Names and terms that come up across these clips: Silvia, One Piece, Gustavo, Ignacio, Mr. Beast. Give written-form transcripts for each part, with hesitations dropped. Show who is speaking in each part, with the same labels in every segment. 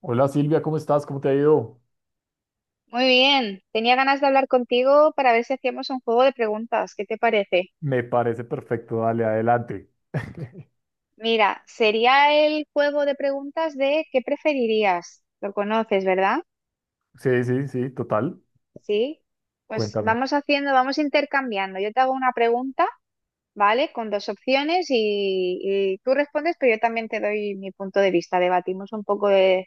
Speaker 1: Hola Silvia, ¿cómo estás? ¿Cómo te ha ido?
Speaker 2: Muy bien, tenía ganas de hablar contigo para ver si hacíamos un juego de preguntas. ¿Qué te parece?
Speaker 1: Me parece perfecto, dale, adelante.
Speaker 2: Mira, sería el juego de preguntas de ¿qué preferirías? Lo conoces, ¿verdad?
Speaker 1: Sí, sí, sí, total.
Speaker 2: Sí. Pues
Speaker 1: Cuéntame.
Speaker 2: vamos haciendo, vamos intercambiando. Yo te hago una pregunta, ¿vale? Con dos opciones y tú respondes, pero yo también te doy mi punto de vista. Debatimos un poco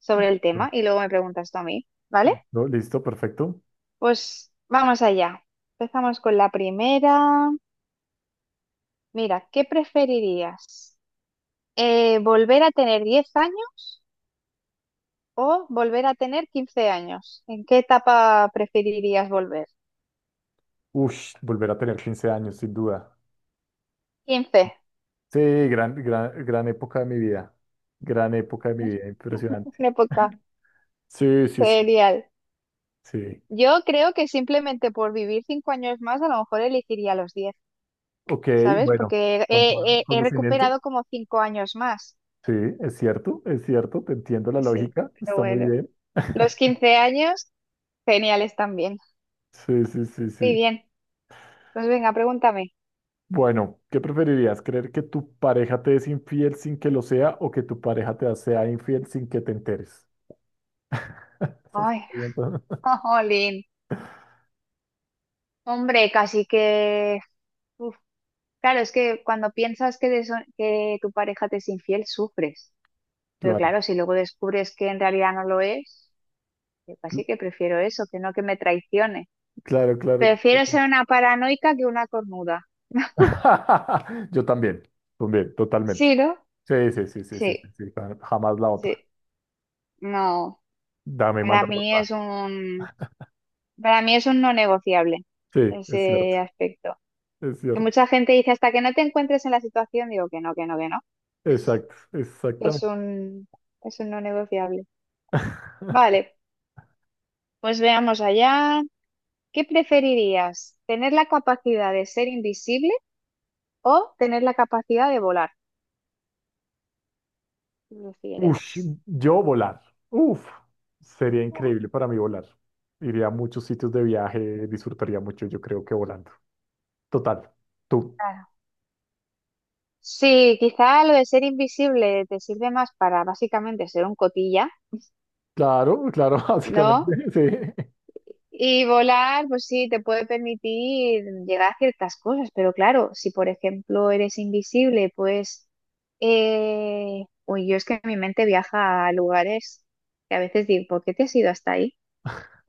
Speaker 2: sobre el tema
Speaker 1: No,
Speaker 2: y luego me preguntas tú a mí, ¿vale?
Speaker 1: no, listo, perfecto.
Speaker 2: Pues vamos allá. Empezamos con la primera. Mira, ¿qué preferirías? ¿Volver a tener 10 años o volver a tener 15 años? ¿En qué etapa preferirías volver?
Speaker 1: Ush, volver a tener 15 años, sin duda.
Speaker 2: Quince.
Speaker 1: Sí, gran época de mi vida. Gran época de mi vida, impresionante.
Speaker 2: Una época
Speaker 1: Sí, sí, sí,
Speaker 2: genial.
Speaker 1: sí.
Speaker 2: Yo creo que simplemente por vivir 5 años más, a lo mejor elegiría los diez,
Speaker 1: Ok,
Speaker 2: ¿sabes?
Speaker 1: bueno,
Speaker 2: Porque
Speaker 1: con todo
Speaker 2: he, he- he
Speaker 1: conocimiento.
Speaker 2: recuperado como 5 años más.
Speaker 1: Sí, es cierto, te entiendo la
Speaker 2: Sí,
Speaker 1: lógica,
Speaker 2: pero
Speaker 1: está muy
Speaker 2: bueno.
Speaker 1: bien.
Speaker 2: Los 15 años, geniales también.
Speaker 1: Sí, sí, sí,
Speaker 2: Muy
Speaker 1: sí.
Speaker 2: bien. Pues venga, pregúntame.
Speaker 1: Bueno, ¿qué preferirías? ¿Creer que tu pareja te es infiel sin que lo sea o que tu pareja te sea infiel sin que te enteres? Esas
Speaker 2: Ay,
Speaker 1: preguntas-
Speaker 2: jolín. Hombre, casi que. Claro, es que cuando piensas que, de que tu pareja te es infiel, sufres. Pero
Speaker 1: Claro,
Speaker 2: claro, si luego descubres que en realidad no lo es, yo
Speaker 1: cl-
Speaker 2: casi que prefiero eso, que no que me traicione.
Speaker 1: claro, claro,
Speaker 2: Prefiero
Speaker 1: claro.
Speaker 2: ser una paranoica que una cornuda.
Speaker 1: Claro. Yo también, también, totalmente.
Speaker 2: Sí, ¿no?
Speaker 1: Sí, sí, sí, sí, sí, sí,
Speaker 2: Sí,
Speaker 1: sí, jamás la otra.
Speaker 2: sí. No,
Speaker 1: Dame,
Speaker 2: para
Speaker 1: manda la
Speaker 2: mí
Speaker 1: otra.
Speaker 2: es un, para mí es un no negociable
Speaker 1: Sí, es cierto,
Speaker 2: ese aspecto.
Speaker 1: es
Speaker 2: Que
Speaker 1: cierto.
Speaker 2: mucha gente dice, hasta que no te encuentres en la situación, digo que no, que no, que no.
Speaker 1: Exacto,
Speaker 2: Es
Speaker 1: exactamente.
Speaker 2: un, es un no negociable. Vale, pues veamos allá. ¿Qué preferirías? ¿Tener la capacidad de ser invisible o tener la capacidad de volar? ¿Qué
Speaker 1: Ush,
Speaker 2: prefieres?
Speaker 1: yo volar. Uf, sería increíble para mí volar. Iría a muchos sitios de viaje, disfrutaría mucho, yo creo que volando. Total, tú.
Speaker 2: Claro. Sí, quizá lo de ser invisible te sirve más para básicamente ser un cotilla,
Speaker 1: Claro, claro, básicamente,
Speaker 2: ¿no?
Speaker 1: sí.
Speaker 2: Y volar, pues sí, te puede permitir llegar a ciertas cosas, pero claro, si por ejemplo eres invisible, pues... Uy, yo es que mi mente viaja a lugares que a veces digo, ¿por qué te has ido hasta ahí?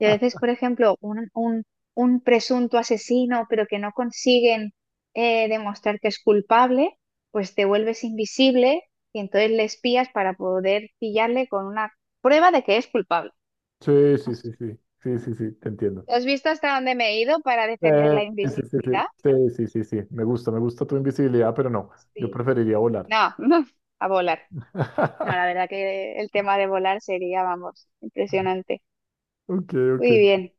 Speaker 2: Y a veces, por ejemplo, un presunto asesino, pero que no consiguen demostrar que es culpable, pues te vuelves invisible y entonces le espías para poder pillarle con una prueba de que es culpable.
Speaker 1: Sí, sí, sí, sí, sí, sí, sí, te entiendo.
Speaker 2: ¿Has visto hasta dónde me he ido para defender la
Speaker 1: Sí, sí, sí,
Speaker 2: invisibilidad?
Speaker 1: sí, sí, sí, sí, sí, me gusta tu invisibilidad, pero no, yo
Speaker 2: Sí.
Speaker 1: preferiría volar.
Speaker 2: No, a volar. No, la verdad que el tema de volar sería, vamos, impresionante.
Speaker 1: Ok, ok.
Speaker 2: Muy bien.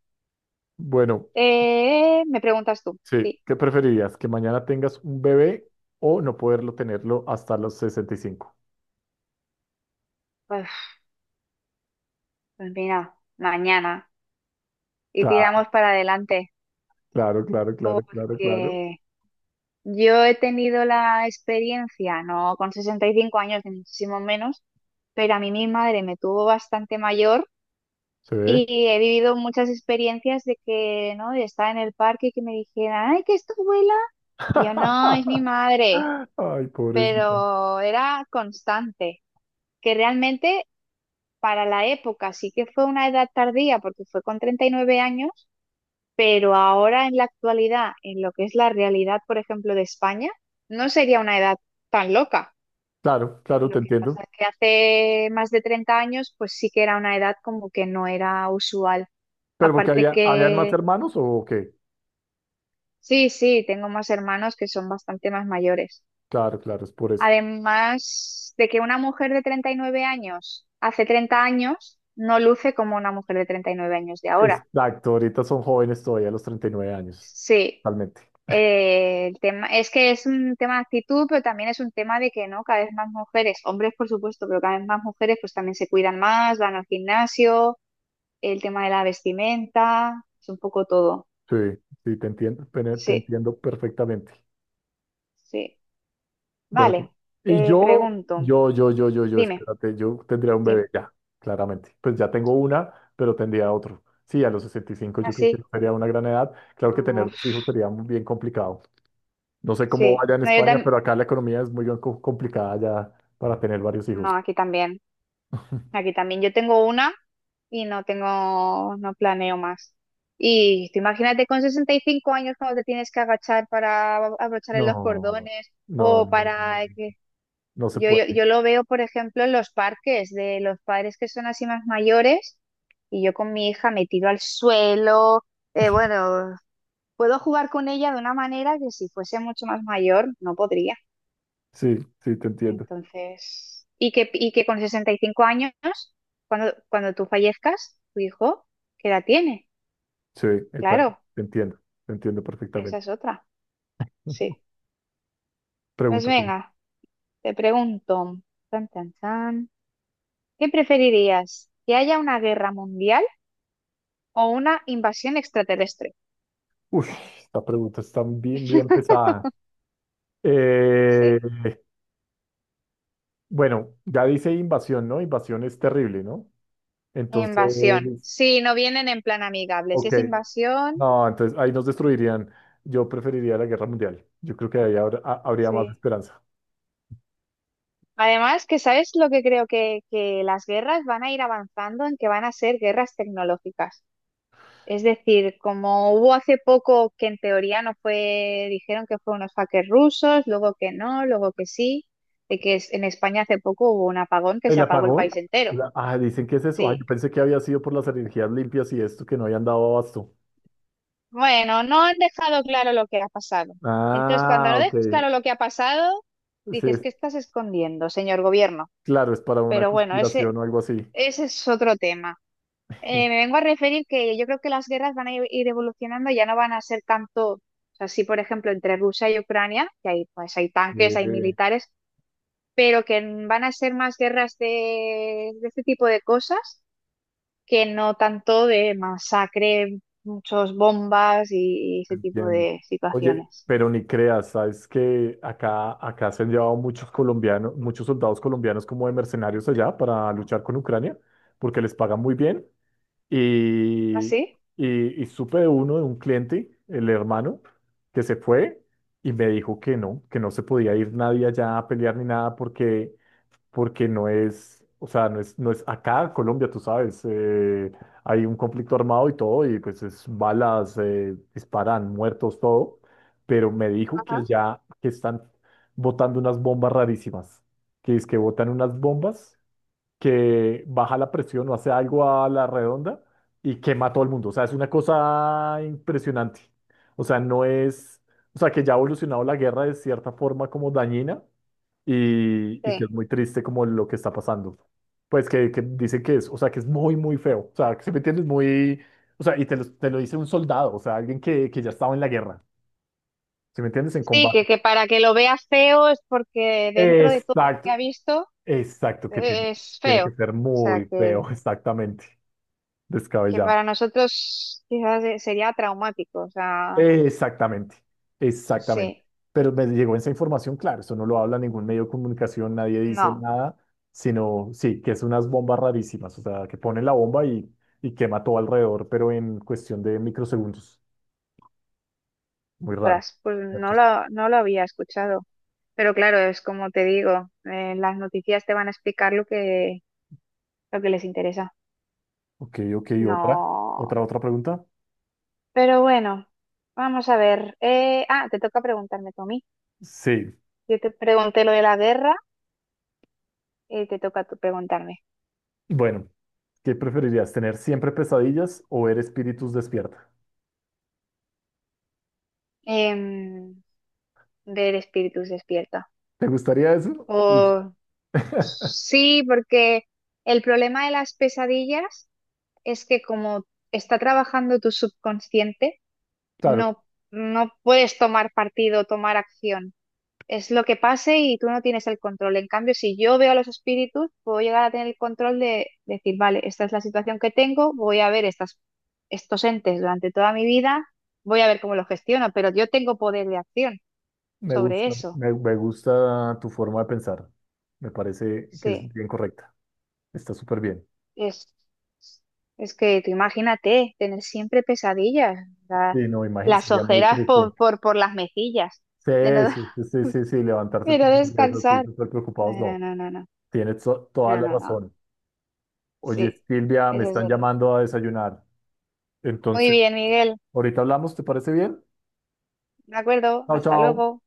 Speaker 1: Bueno,
Speaker 2: ¿Me preguntas tú?
Speaker 1: sí,
Speaker 2: Sí.
Speaker 1: ¿qué preferirías? ¿Que mañana tengas un bebé o no poderlo tenerlo hasta los 65?
Speaker 2: Uf, pues mira, mañana. Y
Speaker 1: Claro,
Speaker 2: tiramos para adelante,
Speaker 1: claro, claro, claro, claro, claro.
Speaker 2: porque yo he tenido la experiencia, no con 65 años ni muchísimo menos, pero a mí mi madre me tuvo bastante mayor
Speaker 1: ¿Se ve?
Speaker 2: y he vivido muchas experiencias de que, ¿no? De estar en el parque y que me dijeran, ay, que es tu abuela. Y yo, no, es mi madre,
Speaker 1: Ay, pobrecito.
Speaker 2: pero era constante, que realmente para la época sí que fue una edad tardía, porque fue con 39 años. Pero ahora en la actualidad, en lo que es la realidad, por ejemplo, de España, no sería una edad tan loca.
Speaker 1: Claro, claro, te
Speaker 2: Lo que
Speaker 1: entiendo.
Speaker 2: pasa es que hace más de 30 años, pues sí que era una edad como que no era usual.
Speaker 1: ¿Pero porque
Speaker 2: Aparte
Speaker 1: habían más
Speaker 2: que,
Speaker 1: hermanos o qué?
Speaker 2: sí, sí, tengo más hermanos que son bastante más mayores.
Speaker 1: Claro, claro, es por eso.
Speaker 2: Además de que una mujer de 39 años hace 30 años no luce como una mujer de 39 años de ahora.
Speaker 1: Exacto, ahorita son jóvenes todavía a los 39 años,
Speaker 2: Sí,
Speaker 1: totalmente.
Speaker 2: Es que es un tema de actitud, pero también es un tema de que no, cada vez más mujeres, hombres por supuesto, pero cada vez más mujeres pues también se cuidan más, van al gimnasio, el tema de la vestimenta, es un poco todo.
Speaker 1: Sí, sí, te entiendo, pero te
Speaker 2: Sí,
Speaker 1: entiendo perfectamente.
Speaker 2: sí.
Speaker 1: Bueno, pues,
Speaker 2: Vale,
Speaker 1: y
Speaker 2: te
Speaker 1: yo,
Speaker 2: pregunto,
Speaker 1: yo, yo, yo, yo, yo,
Speaker 2: dime,
Speaker 1: espérate, yo tendría un
Speaker 2: dime.
Speaker 1: bebé ya, claramente. Pues ya tengo una, pero tendría otro. Sí, a los 65, yo
Speaker 2: Ah,
Speaker 1: creo que
Speaker 2: sí.
Speaker 1: no sería una gran edad. Claro que
Speaker 2: Ah,
Speaker 1: tener dos hijos sería muy bien complicado. No sé cómo
Speaker 2: sí.
Speaker 1: vaya en
Speaker 2: No, yo
Speaker 1: España,
Speaker 2: también.
Speaker 1: pero acá la economía es muy complicada ya para tener varios
Speaker 2: No,
Speaker 1: hijos.
Speaker 2: aquí también. Aquí también yo tengo una y no tengo, no planeo más. Y tú imagínate con 65 años cuando te tienes que agachar para abrochar en
Speaker 1: No,
Speaker 2: los
Speaker 1: no,
Speaker 2: cordones
Speaker 1: no, no,
Speaker 2: o
Speaker 1: no,
Speaker 2: para
Speaker 1: no
Speaker 2: que
Speaker 1: no se puede.
Speaker 2: yo lo veo, por ejemplo, en los parques de los padres que son así más mayores y yo con mi hija me tiro al suelo. eh, bueno, puedo jugar con ella de una manera que si fuese mucho más mayor no podría.
Speaker 1: Sí, sí, te entiendo.
Speaker 2: Entonces, y que con 65 años, cuando tú fallezcas, tu hijo, ¿qué edad tiene?
Speaker 1: Sí, está,
Speaker 2: Claro,
Speaker 1: te entiendo, te entiendo
Speaker 2: esa
Speaker 1: perfectamente.
Speaker 2: es otra. Sí. Pues
Speaker 1: Pregunta tú.
Speaker 2: venga, te pregunto, tan, tan, tan, ¿qué preferirías? ¿Que haya una guerra mundial o una invasión extraterrestre?
Speaker 1: Uf, esta pregunta está bien, bien pesada.
Speaker 2: Sí.
Speaker 1: Eh, bueno, ya dice invasión, ¿no? Invasión es terrible, ¿no? Entonces,
Speaker 2: Invasión. Sí, no vienen en plan amigable. Si
Speaker 1: ok.
Speaker 2: es invasión,
Speaker 1: No, entonces ahí nos destruirían. Yo preferiría la guerra mundial. Yo creo que ahí habría más
Speaker 2: sí.
Speaker 1: esperanza.
Speaker 2: Además, que sabes lo que creo que las guerras van a ir avanzando en que van a ser guerras tecnológicas. Es decir, como hubo hace poco que en teoría no fue, dijeron que fue unos hackers rusos, luego que no, luego que sí, en España hace poco hubo un apagón que se
Speaker 1: ¿El
Speaker 2: apagó el
Speaker 1: apagón?
Speaker 2: país entero.
Speaker 1: Ah, dicen que es eso. Ah, yo
Speaker 2: Sí.
Speaker 1: pensé que había sido por las energías limpias y esto, que no habían dado abasto.
Speaker 2: Bueno, no han dejado claro lo que ha pasado. Entonces, cuando
Speaker 1: Ah,
Speaker 2: no
Speaker 1: ok.
Speaker 2: dejas claro lo que ha pasado,
Speaker 1: Sí,
Speaker 2: dices, ¿qué estás escondiendo, señor gobierno?
Speaker 1: claro, es para una
Speaker 2: Pero bueno,
Speaker 1: conspiración o algo así.
Speaker 2: ese es otro tema. Me vengo a referir que yo creo que las guerras van a ir evolucionando, ya no van a ser tanto, o sea, sí, por ejemplo, entre Rusia y Ucrania, que hay, pues, hay tanques, hay
Speaker 1: Eh,
Speaker 2: militares, pero que van a ser más guerras de este tipo de cosas que no tanto de masacre, muchos bombas y ese tipo
Speaker 1: entiendo.
Speaker 2: de
Speaker 1: Oye,
Speaker 2: situaciones.
Speaker 1: pero ni creas, sabes que acá se han llevado muchos colombianos, muchos soldados colombianos como de mercenarios allá para luchar con Ucrania, porque les pagan muy bien. Y,
Speaker 2: ¿Así?
Speaker 1: y, y supe de uno, de un cliente, el hermano, que se fue y me dijo que no se podía ir nadie allá a pelear ni nada porque no es, o sea, no es, no es acá en Colombia, tú sabes, hay un conflicto armado y todo, y pues es balas, disparan, muertos, todo, pero me dijo que
Speaker 2: Ajá.
Speaker 1: ya que están botando unas bombas rarísimas, que es que botan unas bombas que baja la presión o hace algo a la redonda y quema a todo el mundo, o sea, es una cosa impresionante, o sea, no es, o sea, que ya ha evolucionado la guerra de cierta forma como dañina y que es
Speaker 2: Sí.
Speaker 1: muy triste como lo que está pasando. Pues que dice que es, o sea, que es muy, muy feo. O sea, que si me entiendes, muy, o sea, y te lo dice un soldado, o sea, alguien que ya estaba en la guerra, si me entiendes, en
Speaker 2: Sí,
Speaker 1: combate.
Speaker 2: que para que lo vea feo es porque dentro de todo lo que
Speaker 1: Exacto,
Speaker 2: ha visto
Speaker 1: exacto, que tiene,
Speaker 2: es
Speaker 1: tiene
Speaker 2: feo.
Speaker 1: que
Speaker 2: O
Speaker 1: ser
Speaker 2: sea
Speaker 1: muy feo, exactamente,
Speaker 2: que
Speaker 1: descabellado.
Speaker 2: para nosotros quizás sería traumático, o sea,
Speaker 1: Exactamente, exactamente.
Speaker 2: sí,
Speaker 1: Pero me llegó esa información, claro, eso no lo habla ningún medio de comunicación, nadie dice
Speaker 2: no,
Speaker 1: nada, sino, sí, que es unas bombas rarísimas, o sea, que ponen la bomba y quema todo alrededor, pero en cuestión de microsegundos. Muy raro.
Speaker 2: tras, pues
Speaker 1: Entonces,
Speaker 2: no lo había escuchado, pero claro, es como te digo, las noticias te van a explicar lo que les interesa,
Speaker 1: ok, ok,
Speaker 2: no,
Speaker 1: otra pregunta.
Speaker 2: pero bueno, vamos a ver, te toca preguntarme, Tommy,
Speaker 1: Sí,
Speaker 2: yo te pregunté lo de la guerra, y te toca tú preguntarme.
Speaker 1: bueno, ¿qué preferirías, tener siempre pesadillas o ver espíritus despierta?
Speaker 2: Em, del espíritus despierta,
Speaker 1: ¿Te gustaría eso? Uy.
Speaker 2: o sí, porque... El problema de las pesadillas es que como está trabajando tu subconsciente,
Speaker 1: Claro,
Speaker 2: no, no puedes tomar partido, tomar acción. Es lo que pase y tú no tienes el control. En cambio, si yo veo a los espíritus, puedo llegar a tener el control de decir, vale, esta es la situación que tengo, voy a ver estas, estos entes durante toda mi vida, voy a ver cómo los gestiono, pero yo tengo poder de acción
Speaker 1: me
Speaker 2: sobre
Speaker 1: gusta,
Speaker 2: eso.
Speaker 1: me gusta tu forma de pensar. Me parece que
Speaker 2: Sí.
Speaker 1: es bien correcta. Está súper bien.
Speaker 2: Es, es que tú imagínate, tener siempre pesadillas,
Speaker 1: Sí,
Speaker 2: la-
Speaker 1: no, imagínate,
Speaker 2: las
Speaker 1: sería muy
Speaker 2: ojeras
Speaker 1: triste.
Speaker 2: por las mejillas,
Speaker 1: Sí,
Speaker 2: de no,
Speaker 1: sí, sí, sí, sí, sí, levantarse
Speaker 2: de no
Speaker 1: todos los días así,
Speaker 2: descansar.
Speaker 1: súper
Speaker 2: No,
Speaker 1: preocupados,
Speaker 2: no,
Speaker 1: no.
Speaker 2: no, no, no,
Speaker 1: Tienes toda
Speaker 2: no,
Speaker 1: la
Speaker 2: no, no.
Speaker 1: razón. Oye,
Speaker 2: Sí,
Speaker 1: Silvia, me
Speaker 2: eso
Speaker 1: están
Speaker 2: sería.
Speaker 1: llamando a desayunar.
Speaker 2: Muy
Speaker 1: Entonces,
Speaker 2: bien, Miguel,
Speaker 1: ahorita hablamos, ¿te parece bien?
Speaker 2: de acuerdo,
Speaker 1: Chao,
Speaker 2: hasta
Speaker 1: chao.
Speaker 2: luego.